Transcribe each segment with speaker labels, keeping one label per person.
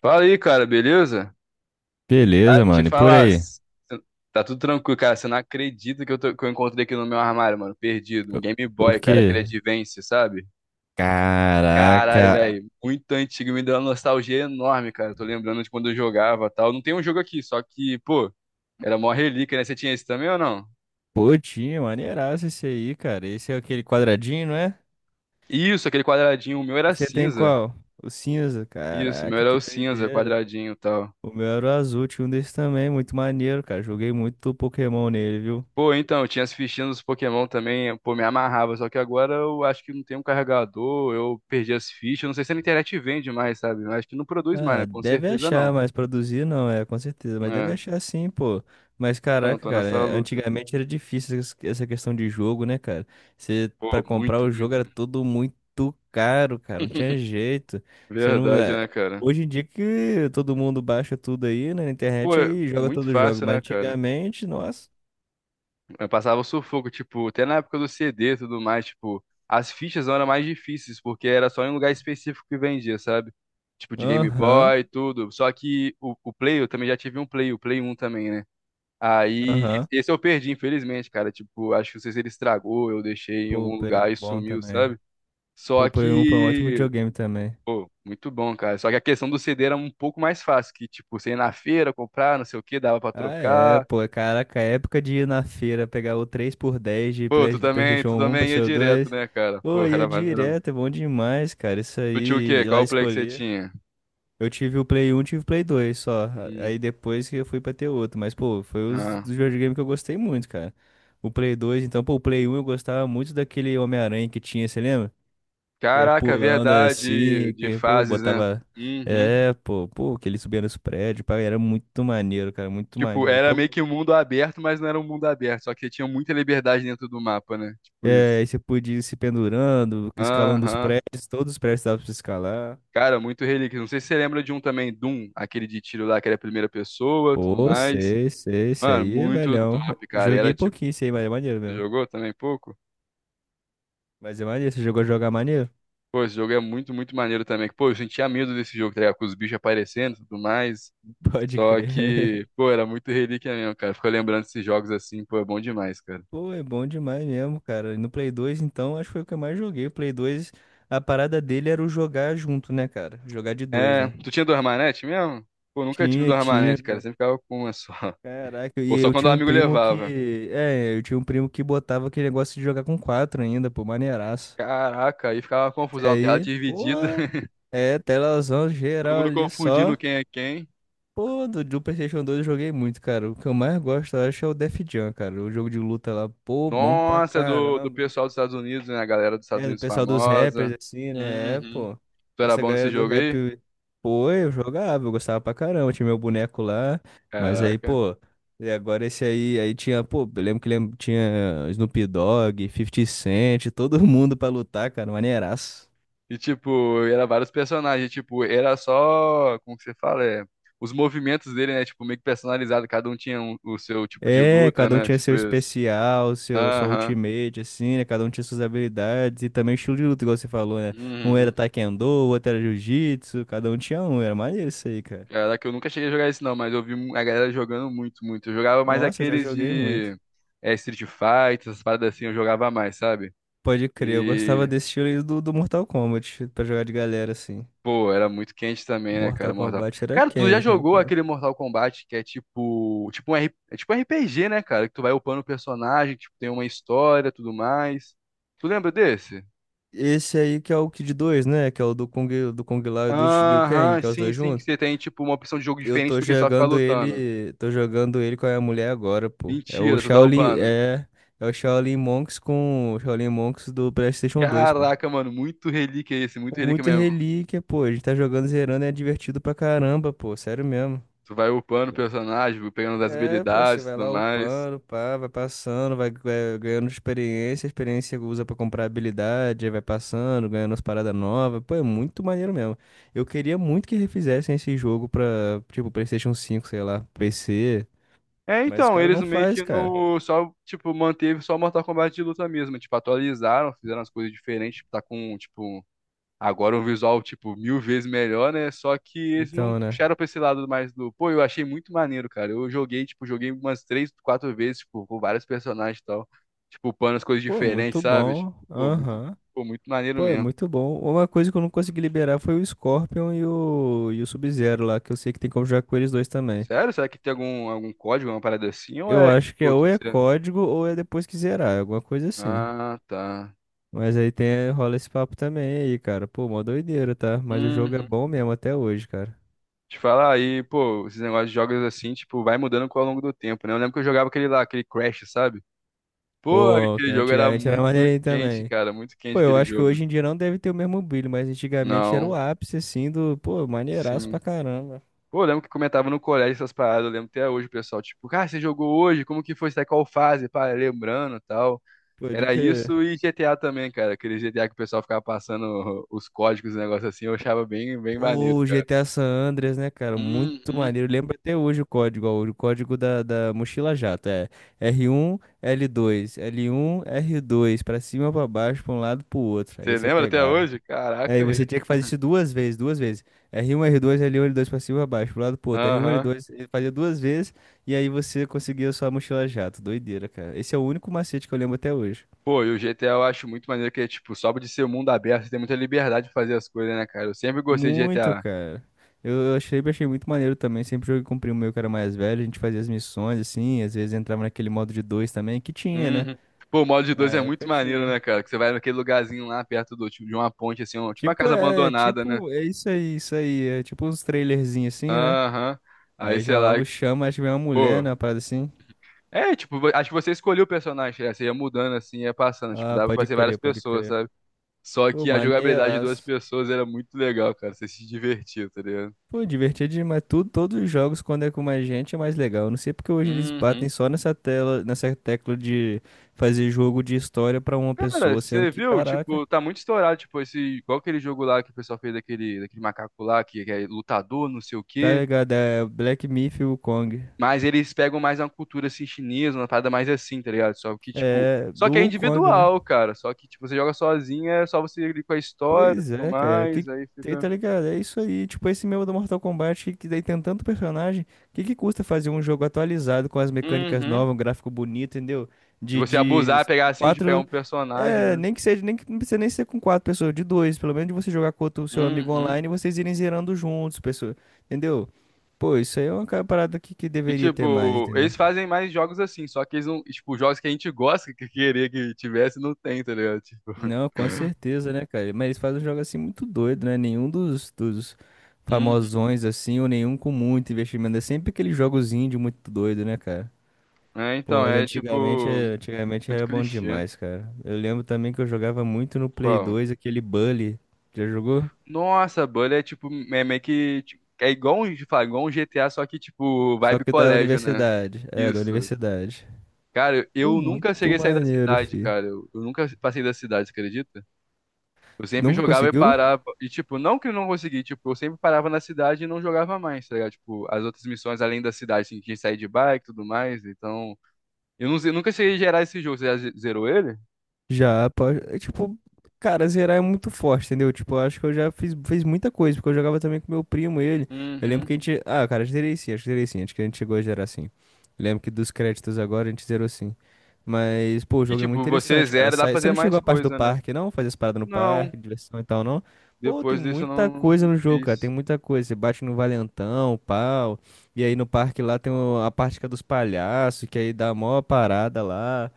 Speaker 1: Fala aí, cara, beleza? Ah,
Speaker 2: Beleza,
Speaker 1: te
Speaker 2: mano. E por
Speaker 1: falar,
Speaker 2: aí?
Speaker 1: s- tá tudo tranquilo, cara. Você não acredita que que eu encontrei aqui no meu armário, mano, perdido.
Speaker 2: O
Speaker 1: Um Game
Speaker 2: o
Speaker 1: Boy, cara,
Speaker 2: quê?
Speaker 1: aquele Advance, sabe? Caralho,
Speaker 2: Caraca.
Speaker 1: velho, muito antigo, me deu uma nostalgia enorme, cara. Tô lembrando de quando eu jogava e tal. Não tem um jogo aqui, só que, pô, era mó relíquia, né? Você tinha esse também ou não?
Speaker 2: Pô, tinha maneiraço esse aí, cara. Esse é aquele quadradinho, não é?
Speaker 1: Isso, aquele quadradinho, o meu era
Speaker 2: Você tem
Speaker 1: cinza.
Speaker 2: qual? O cinza.
Speaker 1: Isso, o meu
Speaker 2: Caraca,
Speaker 1: era
Speaker 2: que
Speaker 1: o cinza,
Speaker 2: doideira.
Speaker 1: quadradinho e tal.
Speaker 2: O meu era o azul, tinha um desse também, muito maneiro, cara. Joguei muito Pokémon nele, viu?
Speaker 1: Pô, então, eu tinha as fichinhas dos Pokémon também, pô, me amarrava, só que agora eu acho que não tem um carregador, eu perdi as fichas, não sei se a internet vende mais, sabe? Eu acho que não produz mais, né?
Speaker 2: Ah,
Speaker 1: Com
Speaker 2: deve
Speaker 1: certeza
Speaker 2: achar,
Speaker 1: não.
Speaker 2: mas produzir não, é, com certeza. Mas deve
Speaker 1: É,
Speaker 2: achar sim, pô. Mas
Speaker 1: não,
Speaker 2: caraca,
Speaker 1: tô
Speaker 2: cara,
Speaker 1: nessa
Speaker 2: é,
Speaker 1: luta.
Speaker 2: antigamente era difícil essa questão de jogo, né, cara? Você,
Speaker 1: Pô,
Speaker 2: pra comprar
Speaker 1: muito,
Speaker 2: o jogo
Speaker 1: muito.
Speaker 2: era tudo muito caro, cara, não tinha jeito. Você não.
Speaker 1: Verdade,
Speaker 2: É,
Speaker 1: né, cara?
Speaker 2: hoje em dia que todo mundo baixa tudo aí né, na
Speaker 1: Pô,
Speaker 2: internet
Speaker 1: é
Speaker 2: aí joga
Speaker 1: muito
Speaker 2: todo jogo,
Speaker 1: fácil,
Speaker 2: mas
Speaker 1: né, cara?
Speaker 2: antigamente, nossa.
Speaker 1: Eu passava sufoco, tipo, até na época do CD e tudo mais, tipo, as fichas eram mais difíceis, porque era só em um lugar específico que vendia, sabe? Tipo, de Game
Speaker 2: Aham,
Speaker 1: Boy e tudo. Só que o Play, eu também já tive um Play, o Play um também, né? Aí,
Speaker 2: aham.
Speaker 1: esse eu perdi, infelizmente, cara. Tipo, acho que não sei se ele estragou, eu deixei em
Speaker 2: Pô, o
Speaker 1: algum
Speaker 2: Play
Speaker 1: lugar e
Speaker 2: um bom
Speaker 1: sumiu,
Speaker 2: também.
Speaker 1: sabe?
Speaker 2: Pô,
Speaker 1: Só
Speaker 2: o Play um foi um ótimo
Speaker 1: que,
Speaker 2: videogame também.
Speaker 1: pô, muito bom, cara. Só que a questão do CD era um pouco mais fácil, que, tipo, você ia na feira, comprar, não sei o que, dava pra
Speaker 2: Ah, é,
Speaker 1: trocar.
Speaker 2: pô, caraca, a época de ir na feira pegar o três por dez de,
Speaker 1: Pô, tu
Speaker 2: De
Speaker 1: também,
Speaker 2: PlayStation
Speaker 1: tu
Speaker 2: um,
Speaker 1: também ia
Speaker 2: PlayStation
Speaker 1: direto,
Speaker 2: dois.
Speaker 1: né, cara?
Speaker 2: Pô,
Speaker 1: Pô,
Speaker 2: ia
Speaker 1: era maneirão.
Speaker 2: direto, é bom demais, cara. Isso
Speaker 1: Tu tinha o
Speaker 2: aí,
Speaker 1: quê?
Speaker 2: ir
Speaker 1: Qual
Speaker 2: lá
Speaker 1: o play que você
Speaker 2: escolher.
Speaker 1: tinha?
Speaker 2: Eu tive o Play um, tive o Play dois, só.
Speaker 1: Hum,
Speaker 2: Aí depois que eu fui pra ter outro. Mas, pô, foi os
Speaker 1: ah.
Speaker 2: dos videogames que eu gostei muito, cara. O Play dois, então, pô, o Play um eu gostava muito daquele Homem-Aranha que tinha, você lembra? Que ia
Speaker 1: Caraca,
Speaker 2: pulando
Speaker 1: verdade,
Speaker 2: assim,
Speaker 1: de
Speaker 2: que, pô,
Speaker 1: fases, né?
Speaker 2: botava.
Speaker 1: Uhum.
Speaker 2: É, pô, que ele subia nos prédios, pá, era muito maneiro, cara, muito
Speaker 1: Tipo,
Speaker 2: maneiro.
Speaker 1: era
Speaker 2: Qual.
Speaker 1: meio que um mundo aberto, mas não era um mundo aberto, só que tinha muita liberdade dentro do mapa, né? Tipo
Speaker 2: É,
Speaker 1: isso.
Speaker 2: aí você podia ir se pendurando, escalando os
Speaker 1: Aham.
Speaker 2: prédios, todos os prédios dava pra você escalar.
Speaker 1: Cara, muito relíquia. Não sei se você lembra de um também, Doom, aquele de tiro lá que era primeira pessoa, tudo
Speaker 2: Pô,
Speaker 1: mais.
Speaker 2: sei, sei, esse
Speaker 1: Mano,
Speaker 2: aí é
Speaker 1: muito
Speaker 2: velhão.
Speaker 1: top, cara. E era
Speaker 2: Joguei
Speaker 1: tipo,
Speaker 2: pouquinho esse aí, mas é maneiro
Speaker 1: você
Speaker 2: mesmo.
Speaker 1: jogou também pouco?
Speaker 2: Mas é maneiro, você jogou a jogar maneiro?
Speaker 1: Pô, esse jogo é muito, muito maneiro também. Pô, eu sentia medo desse jogo, tá ligado? Com os bichos aparecendo e tudo mais.
Speaker 2: Pode
Speaker 1: Só
Speaker 2: crer.
Speaker 1: que, pô, era muito relíquia mesmo, cara. Ficou lembrando desses jogos assim, pô, é bom demais, cara.
Speaker 2: Pô, é bom demais mesmo, cara. E no Play 2, então, acho que foi o que eu mais joguei. O Play 2, a parada dele era o jogar junto, né, cara? Jogar de dois,
Speaker 1: É,
Speaker 2: né?
Speaker 1: tu tinha duas manetes mesmo? Pô, nunca tive
Speaker 2: Tinha,
Speaker 1: duas
Speaker 2: tinha,
Speaker 1: manetes, cara.
Speaker 2: pô.
Speaker 1: Sempre ficava com uma só.
Speaker 2: Caraca, e
Speaker 1: Ou só
Speaker 2: eu
Speaker 1: quando o
Speaker 2: tinha um
Speaker 1: amigo
Speaker 2: primo
Speaker 1: levava.
Speaker 2: que. É, eu tinha um primo que botava aquele negócio de jogar com quatro ainda, pô, maneiraço.
Speaker 1: Caraca, aí ficava uma
Speaker 2: Esse
Speaker 1: confusão, uma tela
Speaker 2: aí,
Speaker 1: dividida,
Speaker 2: porra, é telazão
Speaker 1: todo
Speaker 2: geral
Speaker 1: mundo
Speaker 2: ali
Speaker 1: confundindo
Speaker 2: só.
Speaker 1: quem é quem.
Speaker 2: Pô, do PlayStation 2 eu joguei muito, cara. O que eu mais gosto, eu acho, é o Def Jam, cara. O jogo de luta lá, pô, bom pra
Speaker 1: Nossa, é do
Speaker 2: caramba.
Speaker 1: pessoal dos Estados Unidos, né? A galera dos Estados
Speaker 2: É, do
Speaker 1: Unidos
Speaker 2: pessoal dos rappers,
Speaker 1: famosa.
Speaker 2: assim, né? É,
Speaker 1: Uhum.
Speaker 2: pô.
Speaker 1: Tu era
Speaker 2: Essa
Speaker 1: bom nesse
Speaker 2: galera do
Speaker 1: jogo aí?
Speaker 2: rap, pô, eu jogava, eu gostava pra caramba. Tinha meu boneco lá. Mas aí,
Speaker 1: Caraca.
Speaker 2: pô, e agora esse aí, aí tinha, pô, eu lembro que lembro, tinha Snoop Dogg, 50 Cent, todo mundo pra lutar, cara. Maneiraço.
Speaker 1: E tipo, era vários personagens, tipo, era só, como que você fala, é, os movimentos dele, né, tipo, meio que personalizado, cada um o seu tipo de
Speaker 2: É,
Speaker 1: luta,
Speaker 2: cada um
Speaker 1: né,
Speaker 2: tinha
Speaker 1: tipo
Speaker 2: seu
Speaker 1: isso.
Speaker 2: especial, seu, sua
Speaker 1: Aham.
Speaker 2: ultimate, assim, né? Cada um tinha suas habilidades e também o estilo de luta, igual você falou, né? Um
Speaker 1: Uhum.
Speaker 2: era taekwondo, o outro era jiu-jitsu, cada um tinha um, era maneiro isso aí, cara.
Speaker 1: Caraca, eu nunca cheguei a jogar esse não, mas eu vi a galera jogando muito, muito. Eu jogava mais
Speaker 2: Nossa, eu já
Speaker 1: aqueles
Speaker 2: joguei muito.
Speaker 1: de Street Fighter, essas paradas assim, eu jogava mais, sabe?
Speaker 2: Pode crer, eu gostava
Speaker 1: E,
Speaker 2: desse estilo aí do, Mortal Kombat, pra jogar de galera, assim.
Speaker 1: pô, era muito quente também, né, cara,
Speaker 2: Mortal
Speaker 1: Mortal.
Speaker 2: Kombat era
Speaker 1: Cara, tu já
Speaker 2: quente, era
Speaker 1: jogou
Speaker 2: quente.
Speaker 1: aquele Mortal Kombat que é é tipo um RPG, né, cara? Que tu vai upando o personagem, tipo, tem uma história, tudo mais. Tu lembra desse?
Speaker 2: Esse aí que é o Kid 2, né? Que é o do Kung Lao e do Liu Kang,
Speaker 1: Aham,
Speaker 2: que é os
Speaker 1: sim,
Speaker 2: dois
Speaker 1: sim, que
Speaker 2: juntos.
Speaker 1: você tem tipo uma opção de jogo
Speaker 2: Eu
Speaker 1: diferente do que só ficar lutando.
Speaker 2: tô jogando ele com a minha mulher agora, pô. É o
Speaker 1: Mentira, tu tá
Speaker 2: Shaolin,
Speaker 1: upando.
Speaker 2: é, é o Shaolin Monks com o Shaolin Monks do PlayStation 2, pô.
Speaker 1: Caraca, mano, muito relíquia esse, muito
Speaker 2: Com
Speaker 1: relíquia
Speaker 2: muita
Speaker 1: mesmo.
Speaker 2: relíquia, pô. A gente tá jogando zerando e é divertido pra caramba, pô. Sério mesmo.
Speaker 1: Tu vai upando o personagem, pegando as
Speaker 2: É, pô, você
Speaker 1: habilidades e
Speaker 2: vai
Speaker 1: tudo
Speaker 2: lá
Speaker 1: mais.
Speaker 2: upando, pá, vai passando, vai ganhando experiência, a experiência usa pra comprar habilidade, aí vai passando, ganhando as paradas novas, pô, é muito maneiro mesmo. Eu queria muito que refizessem esse jogo pra, tipo, PlayStation cinco sei lá, PC.
Speaker 1: É,
Speaker 2: Mas o
Speaker 1: então,
Speaker 2: cara
Speaker 1: eles
Speaker 2: não
Speaker 1: meio
Speaker 2: faz,
Speaker 1: que
Speaker 2: cara.
Speaker 1: no. Só, tipo, manteve só Mortal Kombat de luta mesmo. Tipo, atualizaram, fizeram as coisas diferentes. Tá com, tipo, agora um visual, tipo, mil vezes melhor, né? Só que eles não
Speaker 2: Então, né?
Speaker 1: puxaram pra esse lado mais do. Pô, eu achei muito maneiro, cara. Eu joguei, tipo, joguei umas três, quatro vezes, tipo, com vários personagens e tal. Tipo, upando as coisas
Speaker 2: Pô,
Speaker 1: diferentes,
Speaker 2: muito
Speaker 1: sabe? Tipo,
Speaker 2: bom. Aham.
Speaker 1: pô, muito maneiro
Speaker 2: Pô, é
Speaker 1: mesmo.
Speaker 2: muito bom. Uma coisa que eu não consegui liberar foi o Scorpion e o, Sub-Zero lá, que eu sei que tem como jogar com eles dois também.
Speaker 1: Sério? Será que tem algum, algum código, uma parada assim? Ou
Speaker 2: Eu
Speaker 1: é,
Speaker 2: acho que é
Speaker 1: tipo,
Speaker 2: ou
Speaker 1: tudo
Speaker 2: é
Speaker 1: certo?
Speaker 2: código ou é depois que zerar, alguma coisa assim.
Speaker 1: Ah, tá.
Speaker 2: Mas aí tem, rola esse papo também aí, cara. Pô, mó doideira, tá? Mas o jogo é
Speaker 1: Uhum.
Speaker 2: bom mesmo até hoje, cara.
Speaker 1: Te falar aí, pô, esses negócios de jogos assim, tipo, vai mudando ao longo do tempo, né? Eu lembro que eu jogava aquele lá, aquele Crash, sabe? Pô,
Speaker 2: Pô, que
Speaker 1: aquele jogo era
Speaker 2: antigamente era
Speaker 1: muito
Speaker 2: maneirinho
Speaker 1: quente,
Speaker 2: também.
Speaker 1: cara, muito quente
Speaker 2: Pô, eu
Speaker 1: aquele
Speaker 2: acho que hoje
Speaker 1: jogo.
Speaker 2: em dia não deve ter o mesmo brilho, mas antigamente era o
Speaker 1: Não,
Speaker 2: ápice, assim, do, pô, maneiraço pra
Speaker 1: sim.
Speaker 2: caramba.
Speaker 1: Pô, eu lembro que comentava no colégio essas paradas, eu lembro até hoje, o pessoal, tipo, cara, você jogou hoje? Como que foi? Você tá em qual fase? Pá, lembrando e tal.
Speaker 2: Pode
Speaker 1: Era
Speaker 2: crer.
Speaker 1: isso e GTA também, cara. Aquele GTA que o pessoal ficava passando os códigos, e negócio assim, eu achava bem, bem maneiro,
Speaker 2: Ô,
Speaker 1: cara.
Speaker 2: GTA San Andreas, né, cara? Muito
Speaker 1: Uhum.
Speaker 2: maneiro. Lembro até hoje o código, ó, o código da mochila jato. É R1, L2, L1, R2, pra cima, pra baixo, pra um lado, pro outro. Aí
Speaker 1: Você
Speaker 2: você
Speaker 1: lembra até
Speaker 2: pegava.
Speaker 1: hoje? Caraca,
Speaker 2: Aí você tinha que fazer isso duas vezes, duas vezes. R1, R2, L1, L2, pra cima, pra baixo, pro lado, pro outro. R1,
Speaker 1: aham.
Speaker 2: L2, ele fazia duas vezes, e aí você conseguia a sua mochila jato. Doideira, cara. Esse é o único macete que eu lembro até hoje.
Speaker 1: Pô, e o GTA eu acho muito maneiro que é, tipo, só de ser um mundo aberto, você tem muita liberdade de fazer as coisas, né, cara? Eu sempre gostei de
Speaker 2: Muito,
Speaker 1: GTA.
Speaker 2: cara. Eu achei, achei muito maneiro também. Sempre joguei com o primo meu que era mais velho. A gente fazia as missões, assim. Às vezes entrava naquele modo de dois também, que tinha, né?
Speaker 1: Uhum. Pô, o modo de
Speaker 2: Na
Speaker 1: dois é muito
Speaker 2: época
Speaker 1: maneiro,
Speaker 2: tinha.
Speaker 1: né, cara? Que você vai naquele lugarzinho lá perto do, tipo, de uma ponte, assim, tipo uma casa abandonada, né?
Speaker 2: Tipo, é isso aí, isso aí. É tipo uns trailerzinhos assim, né?
Speaker 1: Aham. Aí,
Speaker 2: Aí
Speaker 1: sei
Speaker 2: já
Speaker 1: lá,
Speaker 2: logo chama, acho que vem uma mulher,
Speaker 1: pô.
Speaker 2: né? Uma parada assim.
Speaker 1: É, tipo, acho que você escolheu o personagem, né? Você ia mudando, assim, ia passando. Tipo,
Speaker 2: Ah,
Speaker 1: dava pra
Speaker 2: pode
Speaker 1: ser várias
Speaker 2: crer, pode
Speaker 1: pessoas,
Speaker 2: crer.
Speaker 1: sabe? Só
Speaker 2: Pô,
Speaker 1: que a jogabilidade de duas
Speaker 2: maneiraço.
Speaker 1: pessoas era muito legal, cara. Você se divertia, tá ligado?
Speaker 2: Pô, divertido demais. Tudo, todos os jogos, quando é com mais gente, é mais legal. Eu não sei porque hoje eles batem
Speaker 1: Uhum.
Speaker 2: só nessa tela, nessa tecla de fazer jogo de história pra uma
Speaker 1: Cara,
Speaker 2: pessoa, sendo
Speaker 1: você
Speaker 2: que,
Speaker 1: viu?
Speaker 2: caraca,
Speaker 1: Tipo, tá muito estourado, tipo, esse, igual aquele jogo lá que o pessoal fez daquele, daquele macaco lá, que é lutador, não sei o
Speaker 2: tá
Speaker 1: quê.
Speaker 2: ligado? É Black Myth e Wukong.
Speaker 1: Mas eles pegam mais uma cultura, assim, chinesa, uma parada mais assim, tá ligado? Só que, tipo,
Speaker 2: É,
Speaker 1: só
Speaker 2: do
Speaker 1: que é
Speaker 2: Wukong, né?
Speaker 1: individual, cara. Só que, tipo, você joga sozinho, é só você ir com a história,
Speaker 2: Pois
Speaker 1: tudo
Speaker 2: é, cara. Que,
Speaker 1: mais, aí
Speaker 2: tem,
Speaker 1: fica...
Speaker 2: tá ligado? É isso aí. Tipo, esse meu do Mortal Kombat, que daí tem tanto personagem. Que custa fazer um jogo atualizado com as mecânicas
Speaker 1: Uhum.
Speaker 2: novas, um gráfico bonito, entendeu?
Speaker 1: E você
Speaker 2: De
Speaker 1: abusar, pegar assim, de pegar um personagem,
Speaker 2: É,
Speaker 1: né?
Speaker 2: nem que seja, nem que não precisa nem ser com quatro pessoas, de dois, pelo menos de você jogar com o seu amigo
Speaker 1: Uhum.
Speaker 2: online e vocês irem zerando juntos, pessoa, entendeu? Pô, isso aí é uma parada que
Speaker 1: E,
Speaker 2: deveria ter mais,
Speaker 1: tipo,
Speaker 2: entendeu?
Speaker 1: eles fazem mais jogos assim, só que eles não... Tipo, jogos que a gente gosta, que queria que tivesse, não tem, tá ligado? Tipo...
Speaker 2: Não, com certeza, né, cara? Mas eles fazem um jogo assim muito doido, né? Nenhum dos famosões assim, ou nenhum com muito investimento. É sempre aquele jogozinho de muito doido, né, cara?
Speaker 1: É,
Speaker 2: Pô,
Speaker 1: então,
Speaker 2: mas
Speaker 1: é
Speaker 2: antigamente,
Speaker 1: tipo,
Speaker 2: antigamente
Speaker 1: muito
Speaker 2: era bom
Speaker 1: clichê.
Speaker 2: demais, cara. Eu lembro também que eu jogava muito no Play
Speaker 1: Qual?
Speaker 2: 2 aquele Bully. Já jogou?
Speaker 1: Nossa, Bully é tipo, é meio que, tipo, é igual um, fala, igual um GTA, só que tipo,
Speaker 2: Só
Speaker 1: vibe
Speaker 2: que da
Speaker 1: colégio, né?
Speaker 2: universidade. É, da
Speaker 1: Isso.
Speaker 2: universidade.
Speaker 1: Cara,
Speaker 2: Pô,
Speaker 1: eu nunca
Speaker 2: muito
Speaker 1: cheguei a sair da
Speaker 2: maneiro,
Speaker 1: cidade,
Speaker 2: fi.
Speaker 1: cara. Eu nunca passei da cidade, você acredita? Eu sempre
Speaker 2: Nunca
Speaker 1: jogava e
Speaker 2: conseguiu?
Speaker 1: parava. E, tipo, não que eu não consegui, tipo, eu sempre parava na cidade e não jogava mais, tá ligado? Tipo, as outras missões além da cidade, assim, tinha que sair de bike e tudo mais. Então, eu, não, eu nunca cheguei a gerar esse jogo. Você já zerou ele?
Speaker 2: Já, pode. É, tipo, cara, zerar é muito forte, entendeu? Tipo, eu acho que eu já fiz muita coisa, porque eu jogava também com meu primo, ele. Eu lembro
Speaker 1: Uhum.
Speaker 2: que a gente. Ah, cara, zerei sim, acho que zerei sim, acho que a gente chegou a zerar sim. Lembro que dos créditos agora a gente zerou sim. Mas, pô, o
Speaker 1: Que
Speaker 2: jogo é muito
Speaker 1: tipo, você
Speaker 2: interessante, cara.
Speaker 1: zera, dá pra
Speaker 2: Você
Speaker 1: fazer
Speaker 2: não chegou
Speaker 1: mais
Speaker 2: à parte do
Speaker 1: coisa, né?
Speaker 2: parque, não? Fazer as paradas no
Speaker 1: Não,
Speaker 2: parque, diversão e tal, não? Pô, tem
Speaker 1: depois disso eu
Speaker 2: muita coisa
Speaker 1: não
Speaker 2: no jogo, cara. Tem
Speaker 1: fiz.
Speaker 2: muita coisa. Você bate no valentão, pau. E aí no parque lá tem a parte que é dos palhaços, que aí dá a maior parada lá.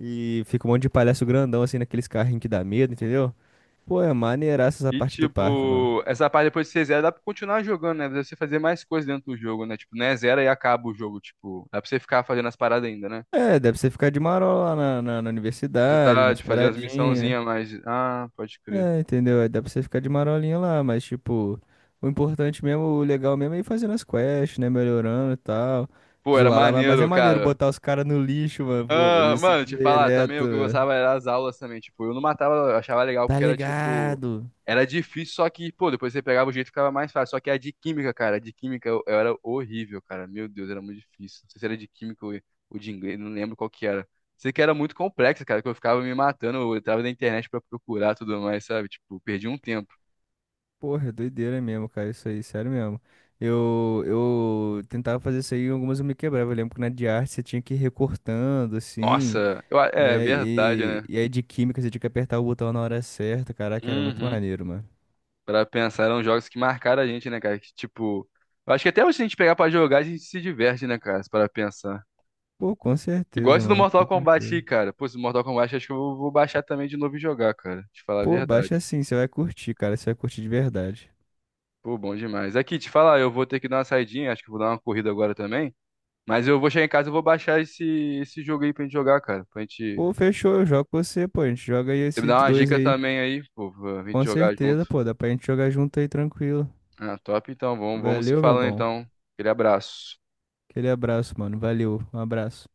Speaker 2: E fica um monte de palhaço grandão assim naqueles carrinhos que dá medo, entendeu? Pô, é maneiraça essa
Speaker 1: E
Speaker 2: parte do parque, mano.
Speaker 1: tipo, essa parte depois de você zera, dá pra continuar jogando, né? Dá pra Você fazer mais coisa dentro do jogo, né? Tipo, não é zero e acaba o jogo, tipo, dá pra você ficar fazendo as paradas ainda, né?
Speaker 2: É, dá pra você ficar de marola lá na, na
Speaker 1: Você
Speaker 2: universidade,
Speaker 1: dá
Speaker 2: nas
Speaker 1: de fazer as
Speaker 2: paradinhas.
Speaker 1: missãozinhas, mas. Ah, pode crer.
Speaker 2: É, entendeu? Aí dá pra você ficar de marolinha lá, mas tipo, o importante mesmo, o legal mesmo é ir fazendo as quests, né? Melhorando e tal.
Speaker 1: Pô, era
Speaker 2: Zoar lá, mas é
Speaker 1: maneiro,
Speaker 2: maneiro
Speaker 1: cara.
Speaker 2: botar os caras no lixo, mano. Pô, fazer
Speaker 1: Ah,
Speaker 2: isso
Speaker 1: mano, te falar, também
Speaker 2: direto,
Speaker 1: o que eu
Speaker 2: mano.
Speaker 1: gostava era as aulas também, tipo, eu não matava, eu achava legal
Speaker 2: Tá
Speaker 1: porque era tipo,
Speaker 2: ligado?
Speaker 1: era difícil, só que, pô, depois você pegava o jeito ficava mais fácil, só que a de química, cara, a de química eu era horrível, cara, meu Deus, era muito difícil, não sei se era de química ou de inglês, não lembro qual que era, sei que era muito complexo, cara, que eu ficava me matando, eu entrava na internet pra procurar tudo mais, sabe, tipo, perdi um tempo,
Speaker 2: Porra, doideira mesmo, cara, isso aí, sério mesmo. Eu tentava fazer isso aí, e algumas eu me quebrava. Eu lembro que na de arte você tinha que ir recortando, assim,
Speaker 1: nossa,
Speaker 2: e
Speaker 1: é verdade,
Speaker 2: aí,
Speaker 1: né?
Speaker 2: e aí de química você tinha que apertar o botão na hora certa. Caraca, era muito
Speaker 1: Uhum.
Speaker 2: maneiro, mano.
Speaker 1: Pra pensar, eram jogos que marcaram a gente, né, cara? Que, tipo, eu acho que até hoje se a gente pegar pra jogar, a gente se diverte, né, cara? Para pensar.
Speaker 2: Pô, com
Speaker 1: Igual
Speaker 2: certeza,
Speaker 1: esse do
Speaker 2: mano,
Speaker 1: Mortal
Speaker 2: com
Speaker 1: Kombat aí,
Speaker 2: certeza.
Speaker 1: cara. Pô, esse do Mortal Kombat acho que eu vou baixar também de novo e jogar, cara. Te falar a
Speaker 2: Pô, baixa
Speaker 1: verdade.
Speaker 2: assim, você vai curtir, cara, você vai curtir de verdade.
Speaker 1: Pô, bom demais. Aqui, te falar, eu vou ter que dar uma saidinha, acho que eu vou dar uma corrida agora também. Mas eu vou chegar em casa e vou baixar esse jogo aí pra gente jogar, cara. Pra gente.
Speaker 2: Pô, fechou, eu jogo com você, pô, a gente joga aí
Speaker 1: Você me
Speaker 2: esse
Speaker 1: dá
Speaker 2: de
Speaker 1: uma
Speaker 2: dois
Speaker 1: dica
Speaker 2: aí.
Speaker 1: também aí, pô, pra gente
Speaker 2: Com
Speaker 1: jogar
Speaker 2: certeza,
Speaker 1: junto.
Speaker 2: pô, dá pra gente jogar junto aí tranquilo.
Speaker 1: Ah, top, então. Vamos se
Speaker 2: Valeu, meu
Speaker 1: falando
Speaker 2: bom.
Speaker 1: então. Aquele abraço.
Speaker 2: Aquele abraço, mano, valeu, um abraço.